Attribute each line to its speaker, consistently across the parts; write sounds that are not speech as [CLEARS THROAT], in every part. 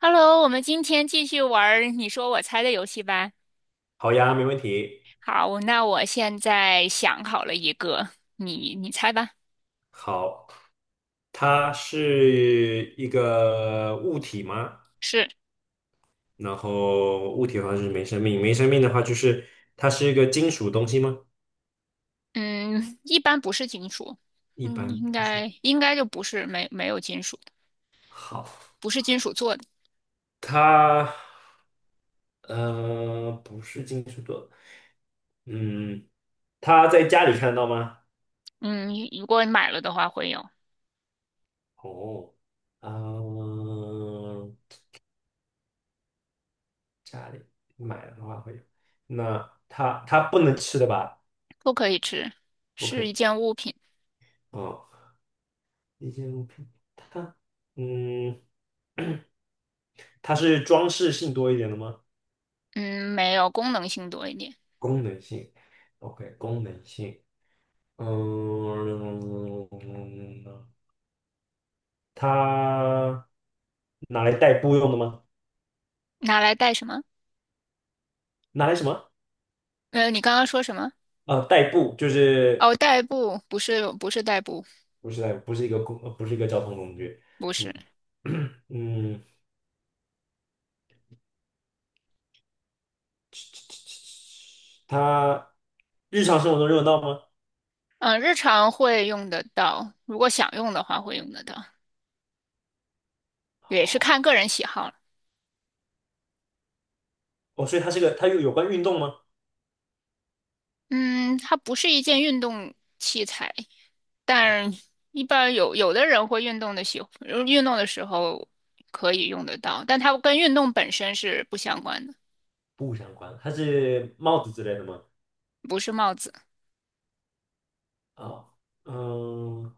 Speaker 1: Hello，我们今天继续玩儿你说我猜的游戏吧。
Speaker 2: 好呀，没问题。
Speaker 1: 好，那我现在想好了一个，你猜吧。
Speaker 2: 好，它是一个物体吗？
Speaker 1: 是，
Speaker 2: 然后物体的话就是没生命，没生命的话就是它是一个金属东西吗？
Speaker 1: 嗯，一般不是金属，
Speaker 2: 一
Speaker 1: 嗯，
Speaker 2: 般
Speaker 1: 应
Speaker 2: 不是。
Speaker 1: 该应该就不是没有金属的，
Speaker 2: 好，
Speaker 1: 不是金属做的。
Speaker 2: 它不是金属的。嗯，它在家里看得到吗？
Speaker 1: 嗯，如果你买了的话会有，
Speaker 2: 哦，嗯、家里买的话会有。那它不能吃的吧？
Speaker 1: 不可以吃，
Speaker 2: 不可
Speaker 1: 是一
Speaker 2: 以。
Speaker 1: 件物品。
Speaker 2: 哦。一件物品，它，嗯，它是装饰性多一点的吗？
Speaker 1: 嗯，没有功能性多一点，
Speaker 2: 功能性，OK，功能性。嗯，它拿来代步用的吗？
Speaker 1: 拿来带什么？
Speaker 2: 拿来什么？
Speaker 1: 你刚刚说什么？
Speaker 2: 代步就是
Speaker 1: 哦，代步，不是不是代步，
Speaker 2: 不是代步，不是一个工，呃不是一个交通工具。
Speaker 1: 不是。
Speaker 2: 嗯。 [CLEARS THROAT] 嗯，它日常生活中用得到吗？
Speaker 1: 嗯，日常会用得到，如果想用的话会用得到，也是
Speaker 2: 好，
Speaker 1: 看个人喜好了。
Speaker 2: 哦，所以它是个，它有有关运动吗？
Speaker 1: 嗯，它不是一件运动器材，但一般有的人会运动的时候可以用得到，但它跟运动本身是不相关的，
Speaker 2: 不相关，它是帽子之类的吗？
Speaker 1: 不是帽子，
Speaker 2: 哦，嗯，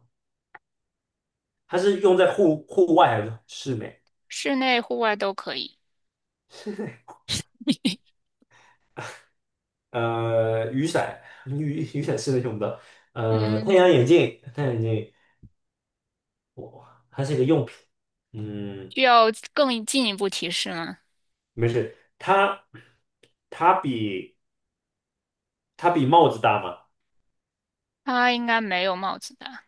Speaker 2: 它是用在户外还是室内？
Speaker 1: 室内户外都可以。
Speaker 2: 雨伞，雨伞是能用的。太
Speaker 1: 嗯，
Speaker 2: 阳眼镜，太阳眼镜，哇，它是一个用品。嗯，
Speaker 1: 需要更进一步提示吗？
Speaker 2: 没事。它比它比帽子大吗？
Speaker 1: 它应该没有帽子大，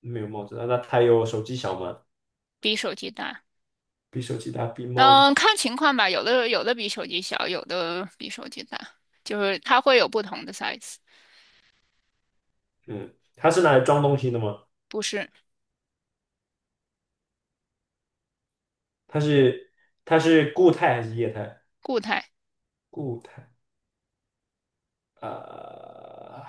Speaker 2: 没有帽子大，那它有手机小吗？
Speaker 1: 比手机大。
Speaker 2: 比手机大，比帽子。
Speaker 1: 嗯，看情况吧，有的比手机小，有的比手机大，就是它会有不同的 size，
Speaker 2: 嗯，它是拿来装东西的吗？
Speaker 1: 不是
Speaker 2: 它是它是固态还是液态？
Speaker 1: 固态。
Speaker 2: 固态。呃，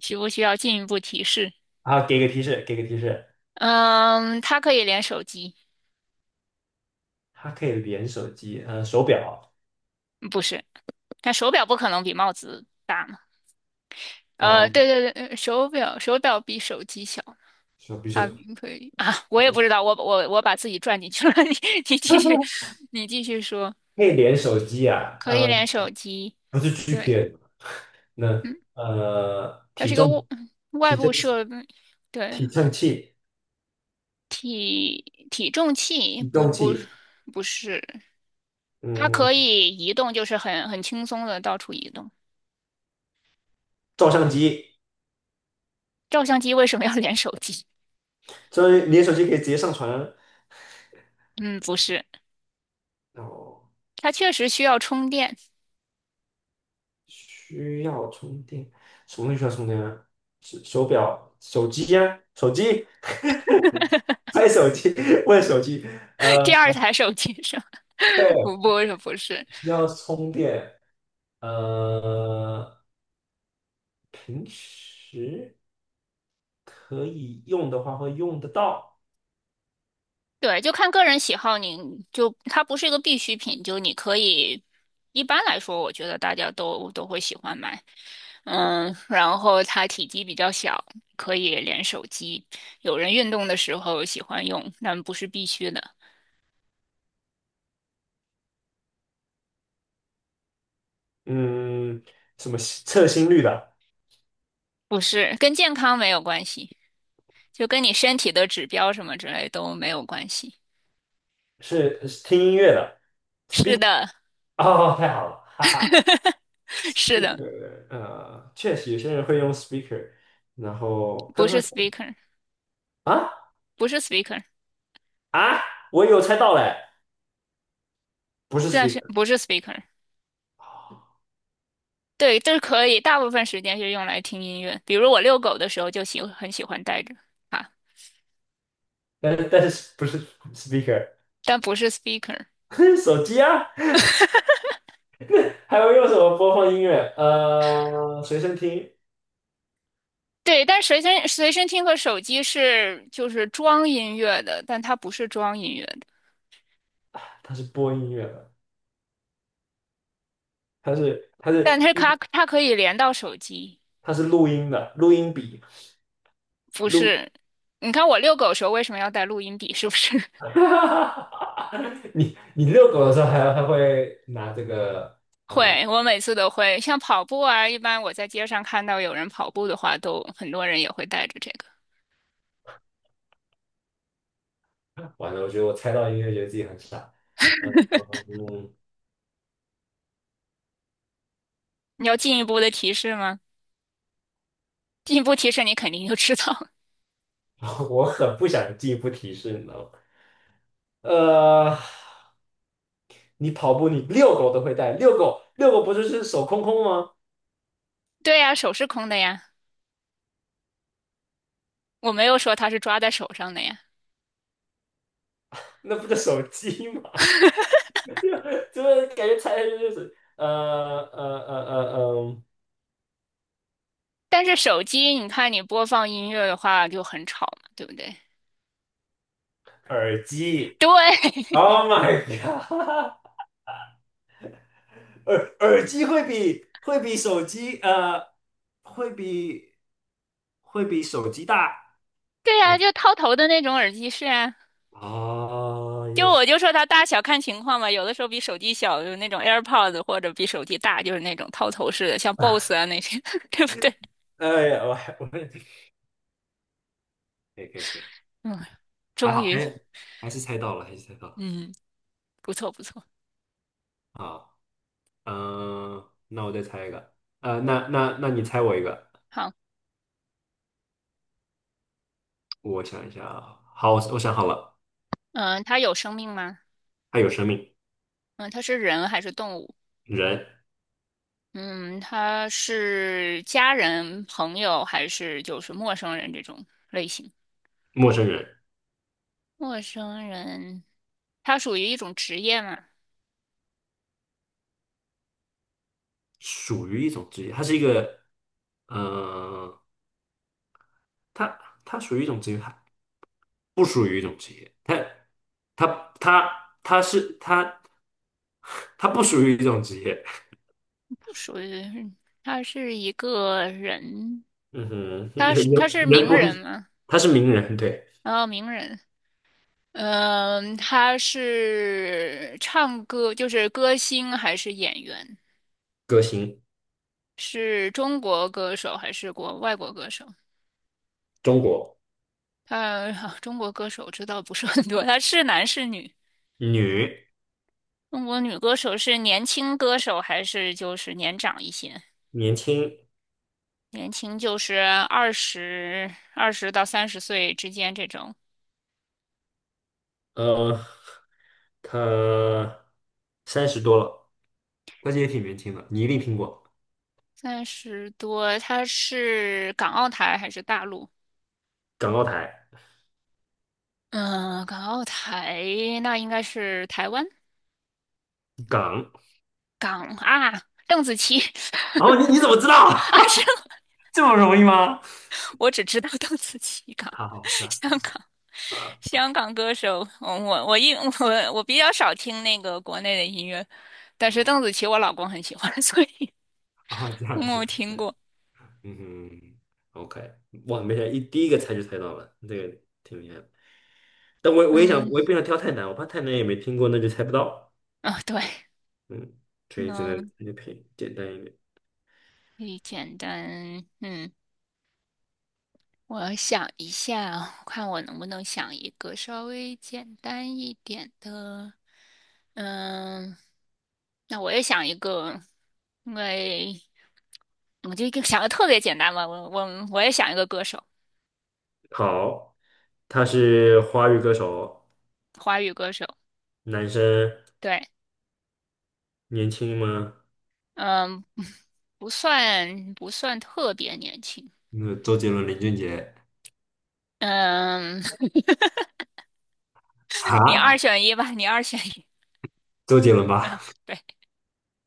Speaker 1: 需不需要进一步提示？
Speaker 2: 啊，给个提示，给个提示。
Speaker 1: 嗯，它可以连手机，
Speaker 2: 它可以连手机。手表
Speaker 1: 不是，但手表不可能比帽子大嘛。
Speaker 2: 哦，
Speaker 1: 对对对，手表比手机小，
Speaker 2: 手比手，
Speaker 1: 它可以啊，我也不知道，我把自己转进去了，[LAUGHS] 你继续，你继续说，
Speaker 2: 可以连手机啊。
Speaker 1: 可以连手机，
Speaker 2: 不是 g p
Speaker 1: 对，
Speaker 2: S。那
Speaker 1: 嗯，
Speaker 2: 呃，
Speaker 1: 它
Speaker 2: 体
Speaker 1: 是个
Speaker 2: 重、
Speaker 1: 外外
Speaker 2: 体重、
Speaker 1: 部设备。对，
Speaker 2: 体称器、
Speaker 1: 体重器
Speaker 2: 体
Speaker 1: 不
Speaker 2: 重
Speaker 1: 不
Speaker 2: 器。
Speaker 1: 不是，它可
Speaker 2: 嗯，
Speaker 1: 以移动，就是很轻松的到处移动。
Speaker 2: 照相机，
Speaker 1: 照相机为什么要连手机？
Speaker 2: 所以你的手机可以直接上传，
Speaker 1: [LAUGHS] 嗯，不是，
Speaker 2: 然后
Speaker 1: 它确实需要充电。
Speaker 2: 需要充电。什么东西需要充电啊？手表、手机呀、手机拍手机，[LAUGHS] 问手机。
Speaker 1: [LAUGHS]
Speaker 2: 呃，
Speaker 1: 第二台手机上，[LAUGHS] 不是不是，
Speaker 2: 需要充电，呃。平时可以用的话会用得到。
Speaker 1: 对，就看个人喜好你，就它不是一个必需品，就你可以。一般来说，我觉得大家都会喜欢买，嗯，然后它体积比较小，可以连手机。有人运动的时候喜欢用，但不是必须的。
Speaker 2: 嗯，什么测心率的，
Speaker 1: 不是，跟健康没有关系，就跟你身体的指标什么之类都没有关系。
Speaker 2: 是听音乐的。
Speaker 1: 是的，
Speaker 2: 哦，太好了，哈哈
Speaker 1: [LAUGHS] 是的，
Speaker 2: ，speaker。确实有些人会用 speaker，然后
Speaker 1: 不
Speaker 2: 刚
Speaker 1: 是
Speaker 2: 刚说
Speaker 1: speaker，
Speaker 2: 啊
Speaker 1: 不是 speaker，
Speaker 2: 啊，我有猜到嘞，不是
Speaker 1: 但是
Speaker 2: speaker。
Speaker 1: 不是 speaker。
Speaker 2: 哦，
Speaker 1: 对，这是可以，大部分时间是用来听音乐，比如我遛狗的时候就很喜欢带着啊，
Speaker 2: 但是不是 speaker。
Speaker 1: 但不是 speaker。
Speaker 2: [LAUGHS] 手机啊，还会用什么播放音乐？随身听。
Speaker 1: 对，但随身听和手机是就是装音乐的，但它不是装音乐的，
Speaker 2: 它是播音乐的，它是它
Speaker 1: 但
Speaker 2: 是
Speaker 1: 它可以连到手机。
Speaker 2: 它是录音的，录音笔。
Speaker 1: 不
Speaker 2: 撸，
Speaker 1: 是，你看我遛狗的时候为什么要带录音笔？是不是
Speaker 2: [LAUGHS] 你遛狗的时候还会拿这个？
Speaker 1: [LAUGHS] 会？我每次都会，像跑步啊，一般我在街上看到有人跑步的话，都很多人也会带着这个。
Speaker 2: 完了，我觉得我猜到音乐，觉得自己很傻。嗯，
Speaker 1: 你要进一步的提示吗？进一步提示你肯定就知道了
Speaker 2: [LAUGHS] 我很不想进一步提示，你知道吗？呃，你跑步，你遛狗都会带，遛狗不就是手空空吗？
Speaker 1: [LAUGHS] 对呀，手是空的呀，我没有说它是抓在手上的呀。
Speaker 2: 那不就手机吗？[LAUGHS] 就是感觉猜下去就是呃呃呃呃，
Speaker 1: 但是手机，你看你播放音乐的话就很吵嘛，对不对？
Speaker 2: 耳机。
Speaker 1: 对，
Speaker 2: Oh my god！耳机会比手机会比会比手机大。
Speaker 1: [LAUGHS] 对呀，
Speaker 2: 哦，
Speaker 1: 就套头的那种耳机是啊。
Speaker 2: 啊
Speaker 1: 就
Speaker 2: 也
Speaker 1: 我
Speaker 2: 是。
Speaker 1: 就说它大小看情况吧，有的时候比手机小，就是那种 AirPods，或者比手机大，就是那种套头式的，像 BOSS 啊那些，[LAUGHS] 对不对？
Speaker 2: [LAUGHS] 哎呀，我还可以，可以可以。
Speaker 1: 嗯，
Speaker 2: 还
Speaker 1: 终
Speaker 2: 好
Speaker 1: 于，
Speaker 2: 哎，还是猜到了，还是猜到了。
Speaker 1: 嗯，不错不错。
Speaker 2: 好。嗯、那我再猜一个。那你猜我一个。
Speaker 1: 好，
Speaker 2: 我想一下啊，好我想好了。
Speaker 1: 嗯，它有生命吗？
Speaker 2: 它有生命。
Speaker 1: 嗯，它是人还是动物？
Speaker 2: 人。
Speaker 1: 嗯，它是家人、朋友还是就是陌生人这种类型？
Speaker 2: 陌生人。
Speaker 1: 陌生人，它属于一种职业吗？
Speaker 2: 属于一种职业。它是一个嗯、呃它它属于一种职业，不属于一种职业。他他他他是他他不属于一种职业。
Speaker 1: 不属于，它是一个人，
Speaker 2: 嗯哼。[LAUGHS]
Speaker 1: 他
Speaker 2: 人
Speaker 1: 是他是
Speaker 2: 人
Speaker 1: 名
Speaker 2: 不
Speaker 1: 人
Speaker 2: 是，
Speaker 1: 吗？
Speaker 2: 他是名人，对。
Speaker 1: 然后名人，嗯，他是唱歌，就是歌星还是演员？
Speaker 2: 歌星。
Speaker 1: 是中国歌手还是国外国歌手？
Speaker 2: 中国
Speaker 1: 他、[LAUGHS] 中国歌手知道不是很多，他是男是女？
Speaker 2: 女。
Speaker 1: 中国女歌手是年轻歌手还是就是年长一些？
Speaker 2: 年轻。
Speaker 1: 年轻就是二十到30岁之间这种，
Speaker 2: 呃，他三十多了，但是也挺年轻的，你一定听过。
Speaker 1: 30多。他是港澳台还是大陆？
Speaker 2: 港澳台。
Speaker 1: 嗯，港澳台那应该是台湾。
Speaker 2: 港。
Speaker 1: 港啊，邓紫棋
Speaker 2: 然后
Speaker 1: [LAUGHS]
Speaker 2: 你怎么知道？
Speaker 1: 啊，是
Speaker 2: [LAUGHS] 这么容易吗？
Speaker 1: 我只知道邓紫棋港，
Speaker 2: 好好，是啊。
Speaker 1: [LAUGHS] 香港，香港歌手。嗯我我一我我比较少听那个国内的音乐，但是邓紫棋我老公很喜欢，[LAUGHS] 所以
Speaker 2: [LAUGHS]，这样
Speaker 1: 嗯我
Speaker 2: 子。
Speaker 1: 听过。
Speaker 2: 嗯哼，OK，哇，没想第一个猜就猜到了，这个挺厉害的。但我也想，
Speaker 1: 嗯，
Speaker 2: 我也不想挑太难，我怕太难也没听过，那就猜不到。
Speaker 1: 啊、对，
Speaker 2: 嗯，所以只
Speaker 1: 那
Speaker 2: 能那就偏简单一点。
Speaker 1: 可以简单。嗯，我想一下，看我能不能想一个稍微简单一点的。嗯，那我也想一个，因为我就一个想的特别简单嘛，我也想一个歌手，
Speaker 2: 好，他是华语歌手，
Speaker 1: 华语歌手，
Speaker 2: 男生，
Speaker 1: 对，
Speaker 2: 年轻吗？
Speaker 1: 嗯，不算特别年轻，
Speaker 2: 那周杰伦、林俊杰
Speaker 1: 嗯，[LAUGHS] 你
Speaker 2: 啊，
Speaker 1: 二选一吧，你二选一，
Speaker 2: 周杰伦
Speaker 1: [LAUGHS] 嗯，
Speaker 2: 吧？
Speaker 1: 对，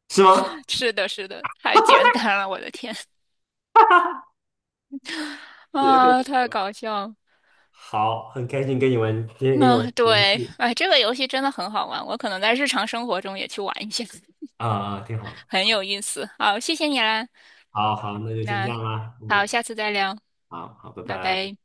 Speaker 2: 是吗？
Speaker 1: 是的，是的，太简单了，我的天
Speaker 2: 对。
Speaker 1: 啊，太搞笑了。
Speaker 2: 好，很开心跟你玩，今天跟你玩
Speaker 1: 啊，
Speaker 2: 这个游
Speaker 1: 对，
Speaker 2: 戏。
Speaker 1: 哎，这个游戏真的很好玩，我可能在日常生活中也去玩一下，
Speaker 2: 啊、挺
Speaker 1: [LAUGHS]
Speaker 2: 好。
Speaker 1: 很有意思。好，谢谢你啦，
Speaker 2: 好好，那就先这
Speaker 1: 那
Speaker 2: 样啦。
Speaker 1: 好，
Speaker 2: 嗯，
Speaker 1: 下次再聊，
Speaker 2: 好好，拜
Speaker 1: 拜
Speaker 2: 拜。
Speaker 1: 拜。